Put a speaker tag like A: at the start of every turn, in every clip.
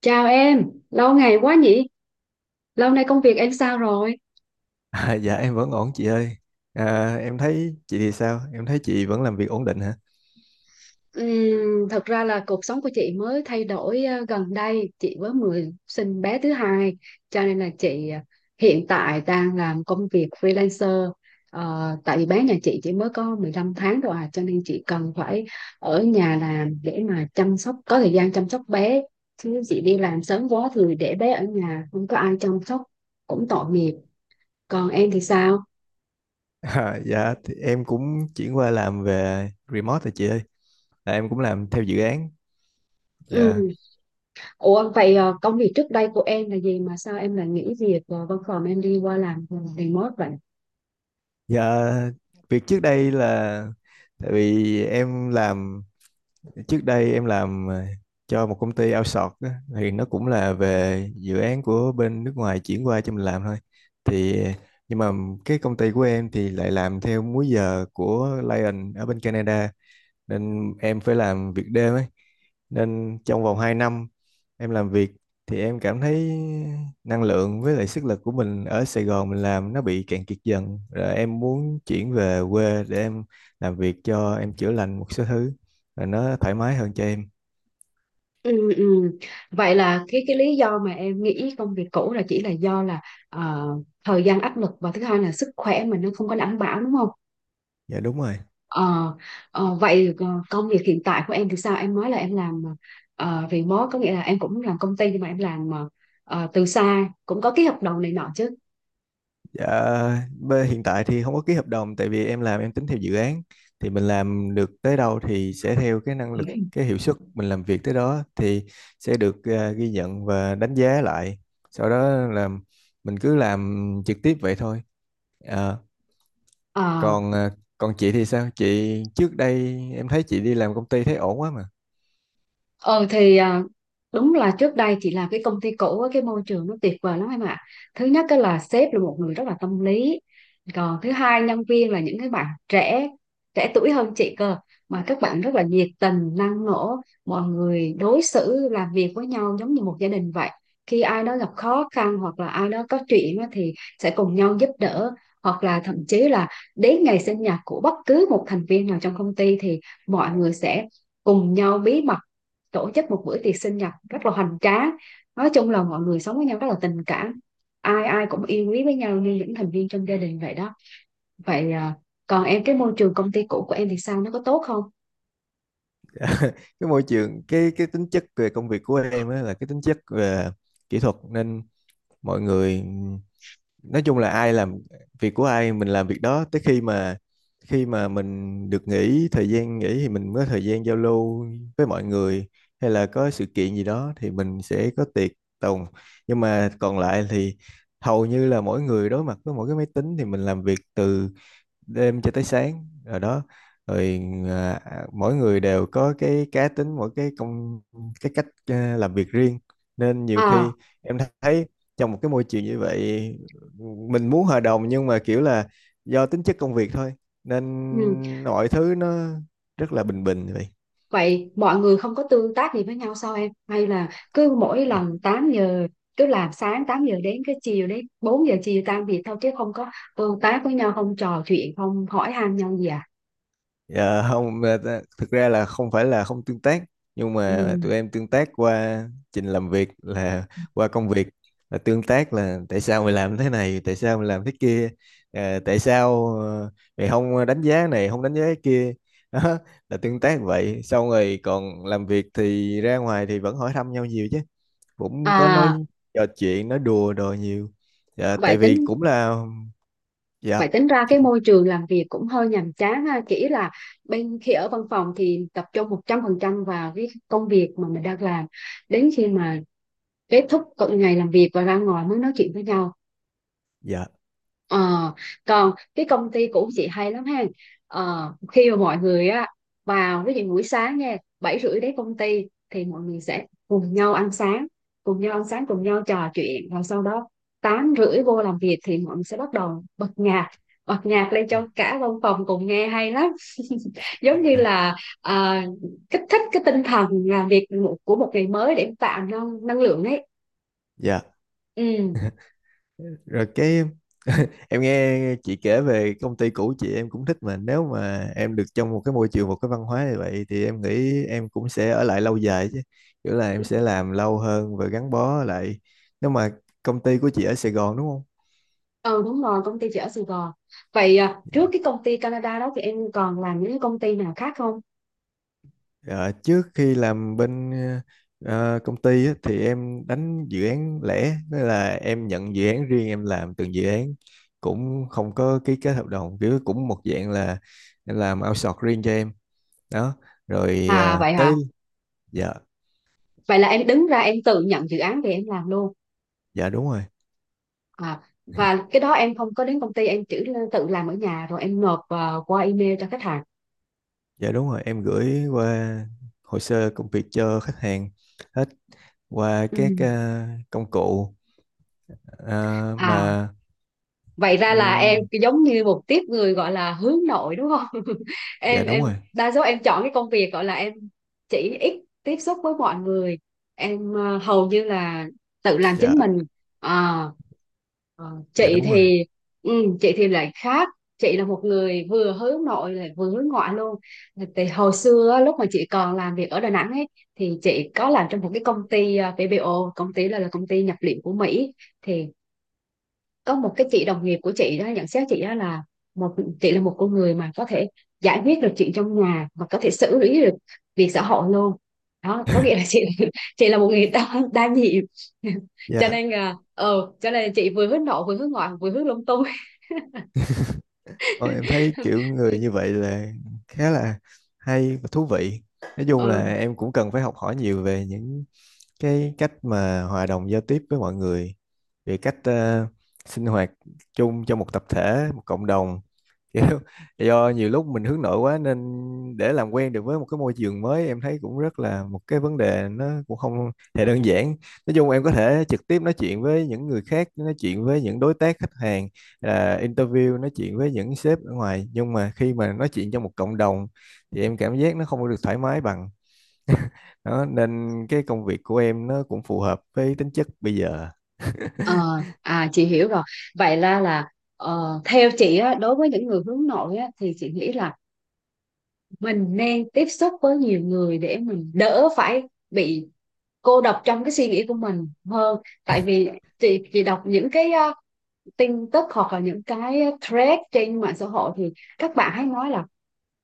A: Chào em, lâu ngày quá nhỉ? Lâu nay công việc em sao rồi?
B: À, dạ em vẫn ổn chị ơi. À, em thấy chị thì sao? Em thấy chị vẫn làm việc ổn định hả?
A: Thật ra là cuộc sống của chị mới thay đổi gần đây, chị mới mới sinh bé thứ hai, cho nên là chị hiện tại đang làm công việc freelancer. Tại vì bé nhà chị chỉ mới có 15 tháng rồi à, cho nên chị cần phải ở nhà làm để mà chăm sóc, có thời gian chăm sóc bé. Chứ chị đi làm sớm quá thì để bé ở nhà, không có ai chăm sóc, cũng tội nghiệp. Còn em thì sao?
B: À, dạ thì em cũng chuyển qua làm về remote rồi chị ơi. Là em cũng làm theo dự án. Dạ.
A: Ủa vậy công việc trước đây của em là gì mà sao em lại nghỉ việc và văn phòng em đi qua làm remote vậy?
B: Dạ, việc trước đây là tại vì em làm, trước đây em làm cho một công ty outsource á, thì nó cũng là về dự án của bên nước ngoài chuyển qua cho mình làm thôi. Thì nhưng mà cái công ty của em thì lại làm theo múi giờ của Lion ở bên Canada, nên em phải làm việc đêm ấy, nên trong vòng 2 năm em làm việc thì em cảm thấy năng lượng với lại sức lực của mình ở Sài Gòn mình làm nó bị cạn kiệt dần, rồi em muốn chuyển về quê để em làm việc, cho em chữa lành một số thứ rồi nó thoải mái hơn cho em.
A: Ừ, ừ. Vậy là cái lý do mà em nghỉ công việc cũ là chỉ là do là ờ, thời gian áp lực và thứ hai là sức khỏe mình nó không có đảm bảo đúng không?
B: Dạ đúng rồi.
A: Ờ, vậy, công việc hiện tại của em thì sao? Em nói là em làm remote có nghĩa là em cũng làm công ty nhưng mà em làm từ xa cũng có ký hợp đồng này nọ chứ?
B: Dạ, hiện tại thì không có ký hợp đồng, tại vì em làm em tính theo dự án, thì mình làm được tới đâu thì sẽ theo cái năng lực cái hiệu suất mình làm việc tới đó, thì sẽ được ghi nhận và đánh giá lại. Sau đó là mình cứ làm trực tiếp vậy thôi. Ờ,
A: Ờ.
B: còn còn chị thì sao? Chị trước đây em thấy chị đi làm công ty thấy ổn quá mà.
A: Ờ thì à, đúng là trước đây chị làm cái công ty cũ á, cái môi trường nó tuyệt vời lắm em ạ. Thứ nhất cái là sếp là một người rất là tâm lý. Còn thứ hai nhân viên là những cái bạn trẻ trẻ tuổi hơn chị cơ mà các bạn rất là nhiệt tình, năng nổ, mọi người đối xử làm việc với nhau giống như một gia đình vậy. Khi ai đó gặp khó khăn hoặc là ai đó có chuyện á thì sẽ cùng nhau giúp đỡ hoặc là thậm chí là đến ngày sinh nhật của bất cứ một thành viên nào trong công ty thì mọi người sẽ cùng nhau bí mật tổ chức một bữa tiệc sinh nhật rất là hoành tráng, nói chung là mọi người sống với nhau rất là tình cảm, ai ai cũng yêu quý với nhau như những thành viên trong gia đình vậy đó. Vậy à, còn em cái môi trường công ty cũ của em thì sao, nó có tốt không?
B: Cái môi trường, cái tính chất về công việc của em á là cái tính chất về kỹ thuật, nên mọi người nói chung là ai làm việc của ai mình làm việc đó, tới khi mà mình được nghỉ, thời gian nghỉ thì mình mới có thời gian giao lưu với mọi người, hay là có sự kiện gì đó thì mình sẽ có tiệc tùng, nhưng mà còn lại thì hầu như là mỗi người đối mặt với mỗi cái máy tính, thì mình làm việc từ đêm cho tới sáng rồi đó. Rồi à, mỗi người đều có cái cá tính, mỗi cái cách làm việc riêng, nên nhiều
A: À,
B: khi em thấy trong một cái môi trường như vậy mình muốn hòa đồng, nhưng mà kiểu là do tính chất công việc thôi, nên
A: ừ.
B: mọi thứ nó rất là bình bình vậy.
A: Vậy mọi người không có tương tác gì với nhau sao em, hay là cứ mỗi lần 8 giờ, cứ làm sáng 8 giờ đến cái chiều đến 4 giờ chiều tan việc thôi chứ không có tương tác với nhau, không trò chuyện, không hỏi han nhau gì à?
B: Dạ không, thực ra là không phải là không tương tác, nhưng mà
A: Ừ.
B: tụi em tương tác qua trình làm việc, là qua công việc, là tương tác là tại sao mày làm thế này tại sao mày làm thế kia, tại sao mày không đánh giá này không đánh giá cái kia đó, là tương tác vậy. Xong rồi còn làm việc thì ra ngoài thì vẫn hỏi thăm nhau nhiều chứ, cũng có nói
A: à
B: trò chuyện nói đùa đồ nhiều. Dạ tại
A: vậy
B: vì
A: tính
B: cũng là dạ.
A: Vậy tính ra cái
B: chị-
A: môi trường làm việc cũng hơi nhàm chán ha. Chỉ là bên khi ở văn phòng thì tập trung 100% vào cái công việc mà mình đang làm. Đến khi mà kết thúc cận ngày làm việc và ra ngoài mới nói chuyện với nhau.
B: dạ.
A: Ờ, còn cái công ty của chị hay lắm ha. Khi mà mọi người á, vào ví dụ buổi sáng nha, 7:30 đến công ty thì mọi người sẽ cùng nhau ăn sáng cùng nhau trò chuyện, rồi sau đó 8:30 vô làm việc thì mọi người sẽ bắt đầu bật nhạc lên cho cả văn phòng cùng nghe hay lắm, giống như là à, kích thích cái tinh thần làm việc của một ngày mới để tạo năng năng lượng ấy.
B: Dạ.
A: Ừ,
B: Rồi cái, em nghe chị kể về công ty cũ chị em cũng thích, mà nếu mà em được trong một cái môi trường một cái văn hóa như vậy thì em nghĩ em cũng sẽ ở lại lâu dài chứ, kiểu là em sẽ làm lâu hơn và gắn bó lại, nếu mà công ty của chị ở Sài Gòn đúng không?
A: ừ, đúng rồi, công ty chị ở Sài Gòn. Vậy à, trước cái công ty Canada đó thì em còn làm những cái công ty nào khác không?
B: Ờ, trước khi làm bên công ty á, thì em đánh dự án lẻ, tức là em nhận dự án riêng em làm từng dự án, cũng không có ký kết hợp đồng, kiểu cũng một dạng là em làm outsource riêng cho em đó. Rồi
A: À
B: ờ,
A: vậy hả?
B: tới dạ.
A: Vậy là em đứng ra em tự nhận dự án về em làm luôn.
B: Dạ đúng rồi.
A: À, và cái đó em không có đến công ty, em chỉ tự làm ở nhà rồi em nộp vào qua email cho khách hàng.
B: Dạ đúng rồi, em gửi qua hồ sơ công việc cho khách hàng hết, qua
A: Ừ.
B: các công cụ. Ờ,
A: À,
B: mà
A: vậy ra là em
B: ừm,
A: giống như một tiếp người gọi là hướng nội đúng không? Em
B: dạ đúng
A: em
B: rồi.
A: đa số em chọn cái công việc gọi là em chỉ ít tiếp xúc với mọi người. Em hầu như là tự làm
B: Dạ.
A: chính mình. À. Ờ,
B: Dạ
A: chị
B: đúng rồi.
A: thì chị thì lại khác, chị là một người vừa hướng nội lại vừa hướng ngoại luôn. Thì hồi xưa á, lúc mà chị còn làm việc ở Đà Nẵng ấy, thì chị có làm trong một cái công ty PBO, công ty là công ty nhập liệu của Mỹ. Thì có một cái chị đồng nghiệp của chị đó nhận xét chị đó là một chị là một con người mà có thể giải quyết được chuyện trong nhà và có thể xử lý được việc xã hội luôn, đó có nghĩa là chị chị là một người đa nhiệm. cho
B: Dạ.
A: nên là ờ cho nên chị vừa hướng nội vừa hướng ngoại vừa hướng lung tung.
B: Ôi, em thấy kiểu người như vậy là khá là hay và thú vị, nói chung
A: ừ
B: là em cũng cần phải học hỏi nhiều về những cái cách mà hòa đồng giao tiếp với mọi người, về cách sinh hoạt chung cho một tập thể một cộng đồng kiểu, do nhiều lúc mình hướng nội quá nên để làm quen được với một cái môi trường mới em thấy cũng rất là một cái vấn đề, nó cũng không hề đơn giản. Nói chung em có thể trực tiếp nói chuyện với những người khác, nói chuyện với những đối tác khách hàng, interview nói chuyện với những sếp ở ngoài, nhưng mà khi mà nói chuyện trong một cộng đồng thì em cảm giác nó không có được thoải mái bằng đó, nên cái công việc của em nó cũng phù hợp với tính chất bây giờ.
A: ờ à chị hiểu rồi. Vậy là theo chị á, đối với những người hướng nội á thì chị nghĩ là mình nên tiếp xúc với nhiều người để mình đỡ phải bị cô đọc trong cái suy nghĩ của mình hơn, tại vì chị đọc những cái tin tức hoặc là những cái thread trên mạng xã hội thì các bạn hay nói là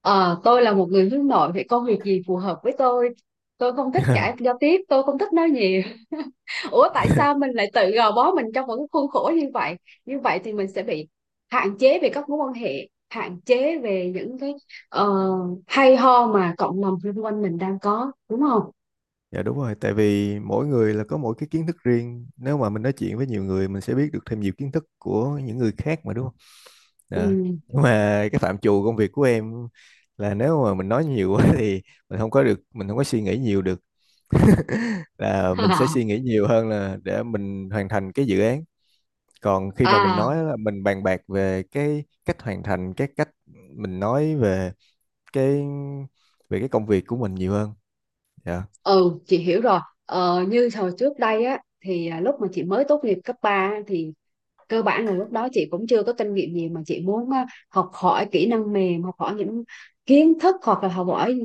A: tôi là một người hướng nội vậy công việc gì phù hợp với tôi không thích ngại giao tiếp, tôi không thích nói nhiều. Ủa tại sao mình lại tự gò bó mình trong một cái khuôn khổ như vậy thì mình sẽ bị hạn chế về các mối quan hệ, hạn chế về những cái ờ, hay ho mà cộng đồng xung quanh mình đang có đúng không?
B: Dạ đúng rồi, tại vì mỗi người là có mỗi cái kiến thức riêng. Nếu mà mình nói chuyện với nhiều người mình sẽ biết được thêm nhiều kiến thức của những người khác mà đúng không? Dạ.
A: Ừ.
B: Nhưng mà cái phạm trù công việc của em là nếu mà mình nói nhiều quá thì mình không có được, mình không có suy nghĩ nhiều được. Là mình sẽ suy nghĩ nhiều hơn là để mình hoàn thành cái dự án. Còn khi mà mình
A: À,
B: nói là mình bàn bạc về cái cách hoàn thành, cái cách mình nói về cái cái công việc của mình nhiều hơn. Dạ,
A: ừ, chị hiểu rồi. Như hồi trước đây á, thì lúc mà chị mới tốt nghiệp cấp 3 á, thì cơ bản là lúc đó chị cũng chưa có kinh nghiệm gì mà chị muốn á, học hỏi kỹ năng mềm, học hỏi những kiến thức hoặc là học hỏi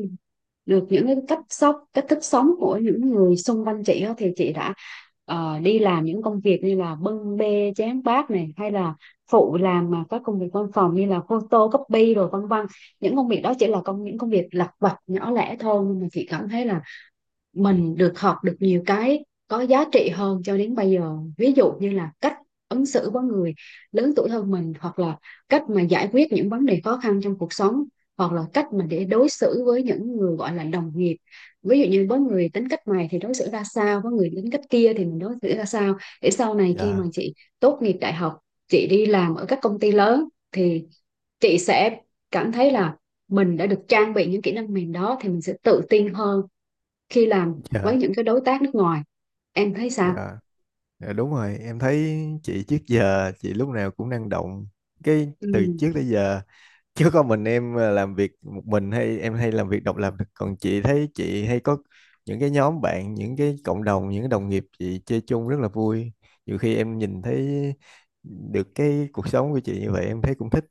A: được những cái cách sống, cách thức sống của những người xung quanh chị á, thì chị đã đi làm những công việc như là bưng bê chén bát này hay là phụ làm mà các công việc văn phòng như là photocopy rồi vân vân. Những công việc đó chỉ là những công việc lặt vặt nhỏ lẻ thôi nhưng mà chị cảm thấy là mình được học được nhiều cái có giá trị hơn cho đến bây giờ, ví dụ như là cách ứng xử với người lớn tuổi hơn mình hoặc là cách mà giải quyết những vấn đề khó khăn trong cuộc sống, hoặc là cách mà để đối xử với những người gọi là đồng nghiệp, ví dụ như với người tính cách này thì đối xử ra sao, với người tính cách kia thì mình đối xử ra sao, để sau này khi mà
B: dạ,
A: chị tốt nghiệp đại học chị đi làm ở các công ty lớn thì chị sẽ cảm thấy là mình đã được trang bị những kỹ năng mềm đó thì mình sẽ tự tin hơn khi làm
B: dạ,
A: với những cái đối tác nước ngoài. Em thấy sao?
B: dạ. Dạ, đúng rồi, em thấy chị trước giờ chị lúc nào cũng năng động. Cái từ
A: Ừ.
B: trước tới giờ, chứ có mình em làm việc một mình, hay em hay làm việc độc lập, còn chị thấy chị hay có những cái nhóm bạn, những cái cộng đồng, những cái đồng nghiệp chị chơi chung rất là vui, nhiều khi em nhìn thấy được cái cuộc sống của chị như vậy em thấy cũng thích,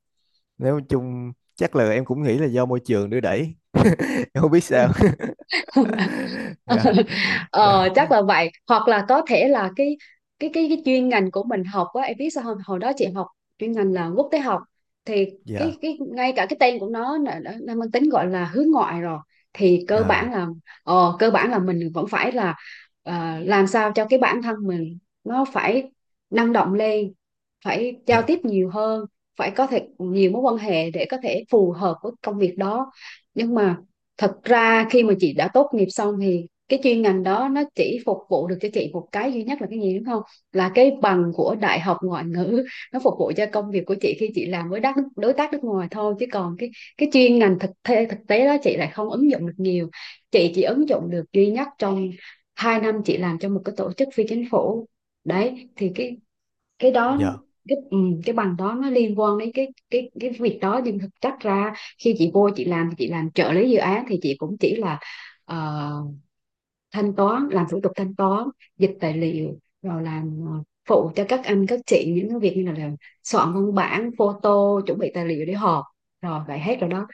B: nếu chung chắc là em cũng nghĩ là do môi trường đưa đẩy, em không biết sao. Dạ. Dạ.
A: ờ, Chắc là vậy hoặc là có thể là cái chuyên ngành của mình học á em biết sao không, hồi đó chị học chuyên ngành là quốc tế học, thì
B: Dạ.
A: cái ngay cả cái tên của nó đã mang tính gọi là hướng ngoại rồi, thì cơ
B: À.
A: bản là cơ bản là mình vẫn phải là làm sao cho cái bản thân mình nó phải năng động lên, phải giao
B: Dạ.
A: tiếp nhiều hơn, phải có thể nhiều mối quan hệ để có thể phù hợp với công việc đó. Nhưng mà thật ra khi mà chị đã tốt nghiệp xong thì cái chuyên ngành đó nó chỉ phục vụ được cho chị một cái duy nhất là cái gì đúng không, là cái bằng của đại học ngoại ngữ, nó phục vụ cho công việc của chị khi chị làm với đối tác nước ngoài thôi, chứ còn cái chuyên ngành thực tế đó chị lại không ứng dụng được nhiều, chị chỉ ứng dụng được duy nhất trong 2 năm chị làm cho một cái tổ chức phi chính phủ. Đấy thì cái đó
B: Dạ.
A: cái ừ, cái bằng đó nó liên quan đến cái việc đó, nhưng thực chất ra khi chị vô chị làm thì chị làm trợ lý dự án thì chị cũng chỉ là ờ, thanh toán làm thủ tục thanh toán, dịch tài liệu rồi làm phụ cho các anh các chị những cái việc như là soạn văn bản photo chuẩn bị tài liệu để họp, rồi vậy hết rồi đó.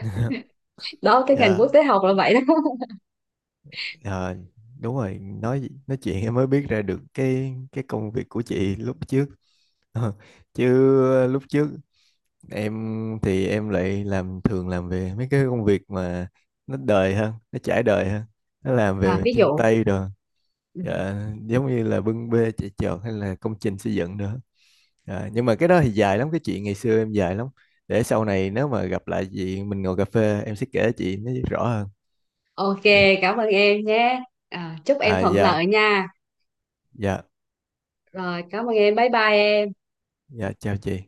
A: Đó cái ngành quốc
B: Dạ.
A: tế học là vậy đó.
B: Ờ, đúng rồi nói chuyện em mới biết ra được cái công việc của chị lúc trước. Ờ, chứ lúc trước em thì em lại làm, thường làm về mấy cái công việc mà nó đời hơn, nó trải đời hơn, nó làm
A: À,
B: về
A: ví
B: chân
A: dụ.
B: tay rồi.
A: Ừ.
B: Dạ, giống như là bưng bê chạy chọt hay là công trình xây dựng nữa. Dạ, nhưng mà cái đó thì dài lắm, cái chuyện ngày xưa em dài lắm, để sau này nếu mà gặp lại chị mình ngồi cà phê em sẽ kể chị nó rõ hơn.
A: Ok,
B: Đi.
A: cảm ơn em nhé, à, chúc em
B: À
A: thuận
B: dạ.
A: lợi nha,
B: Dạ.
A: rồi cảm ơn em, bye bye em.
B: Dạ chào chị.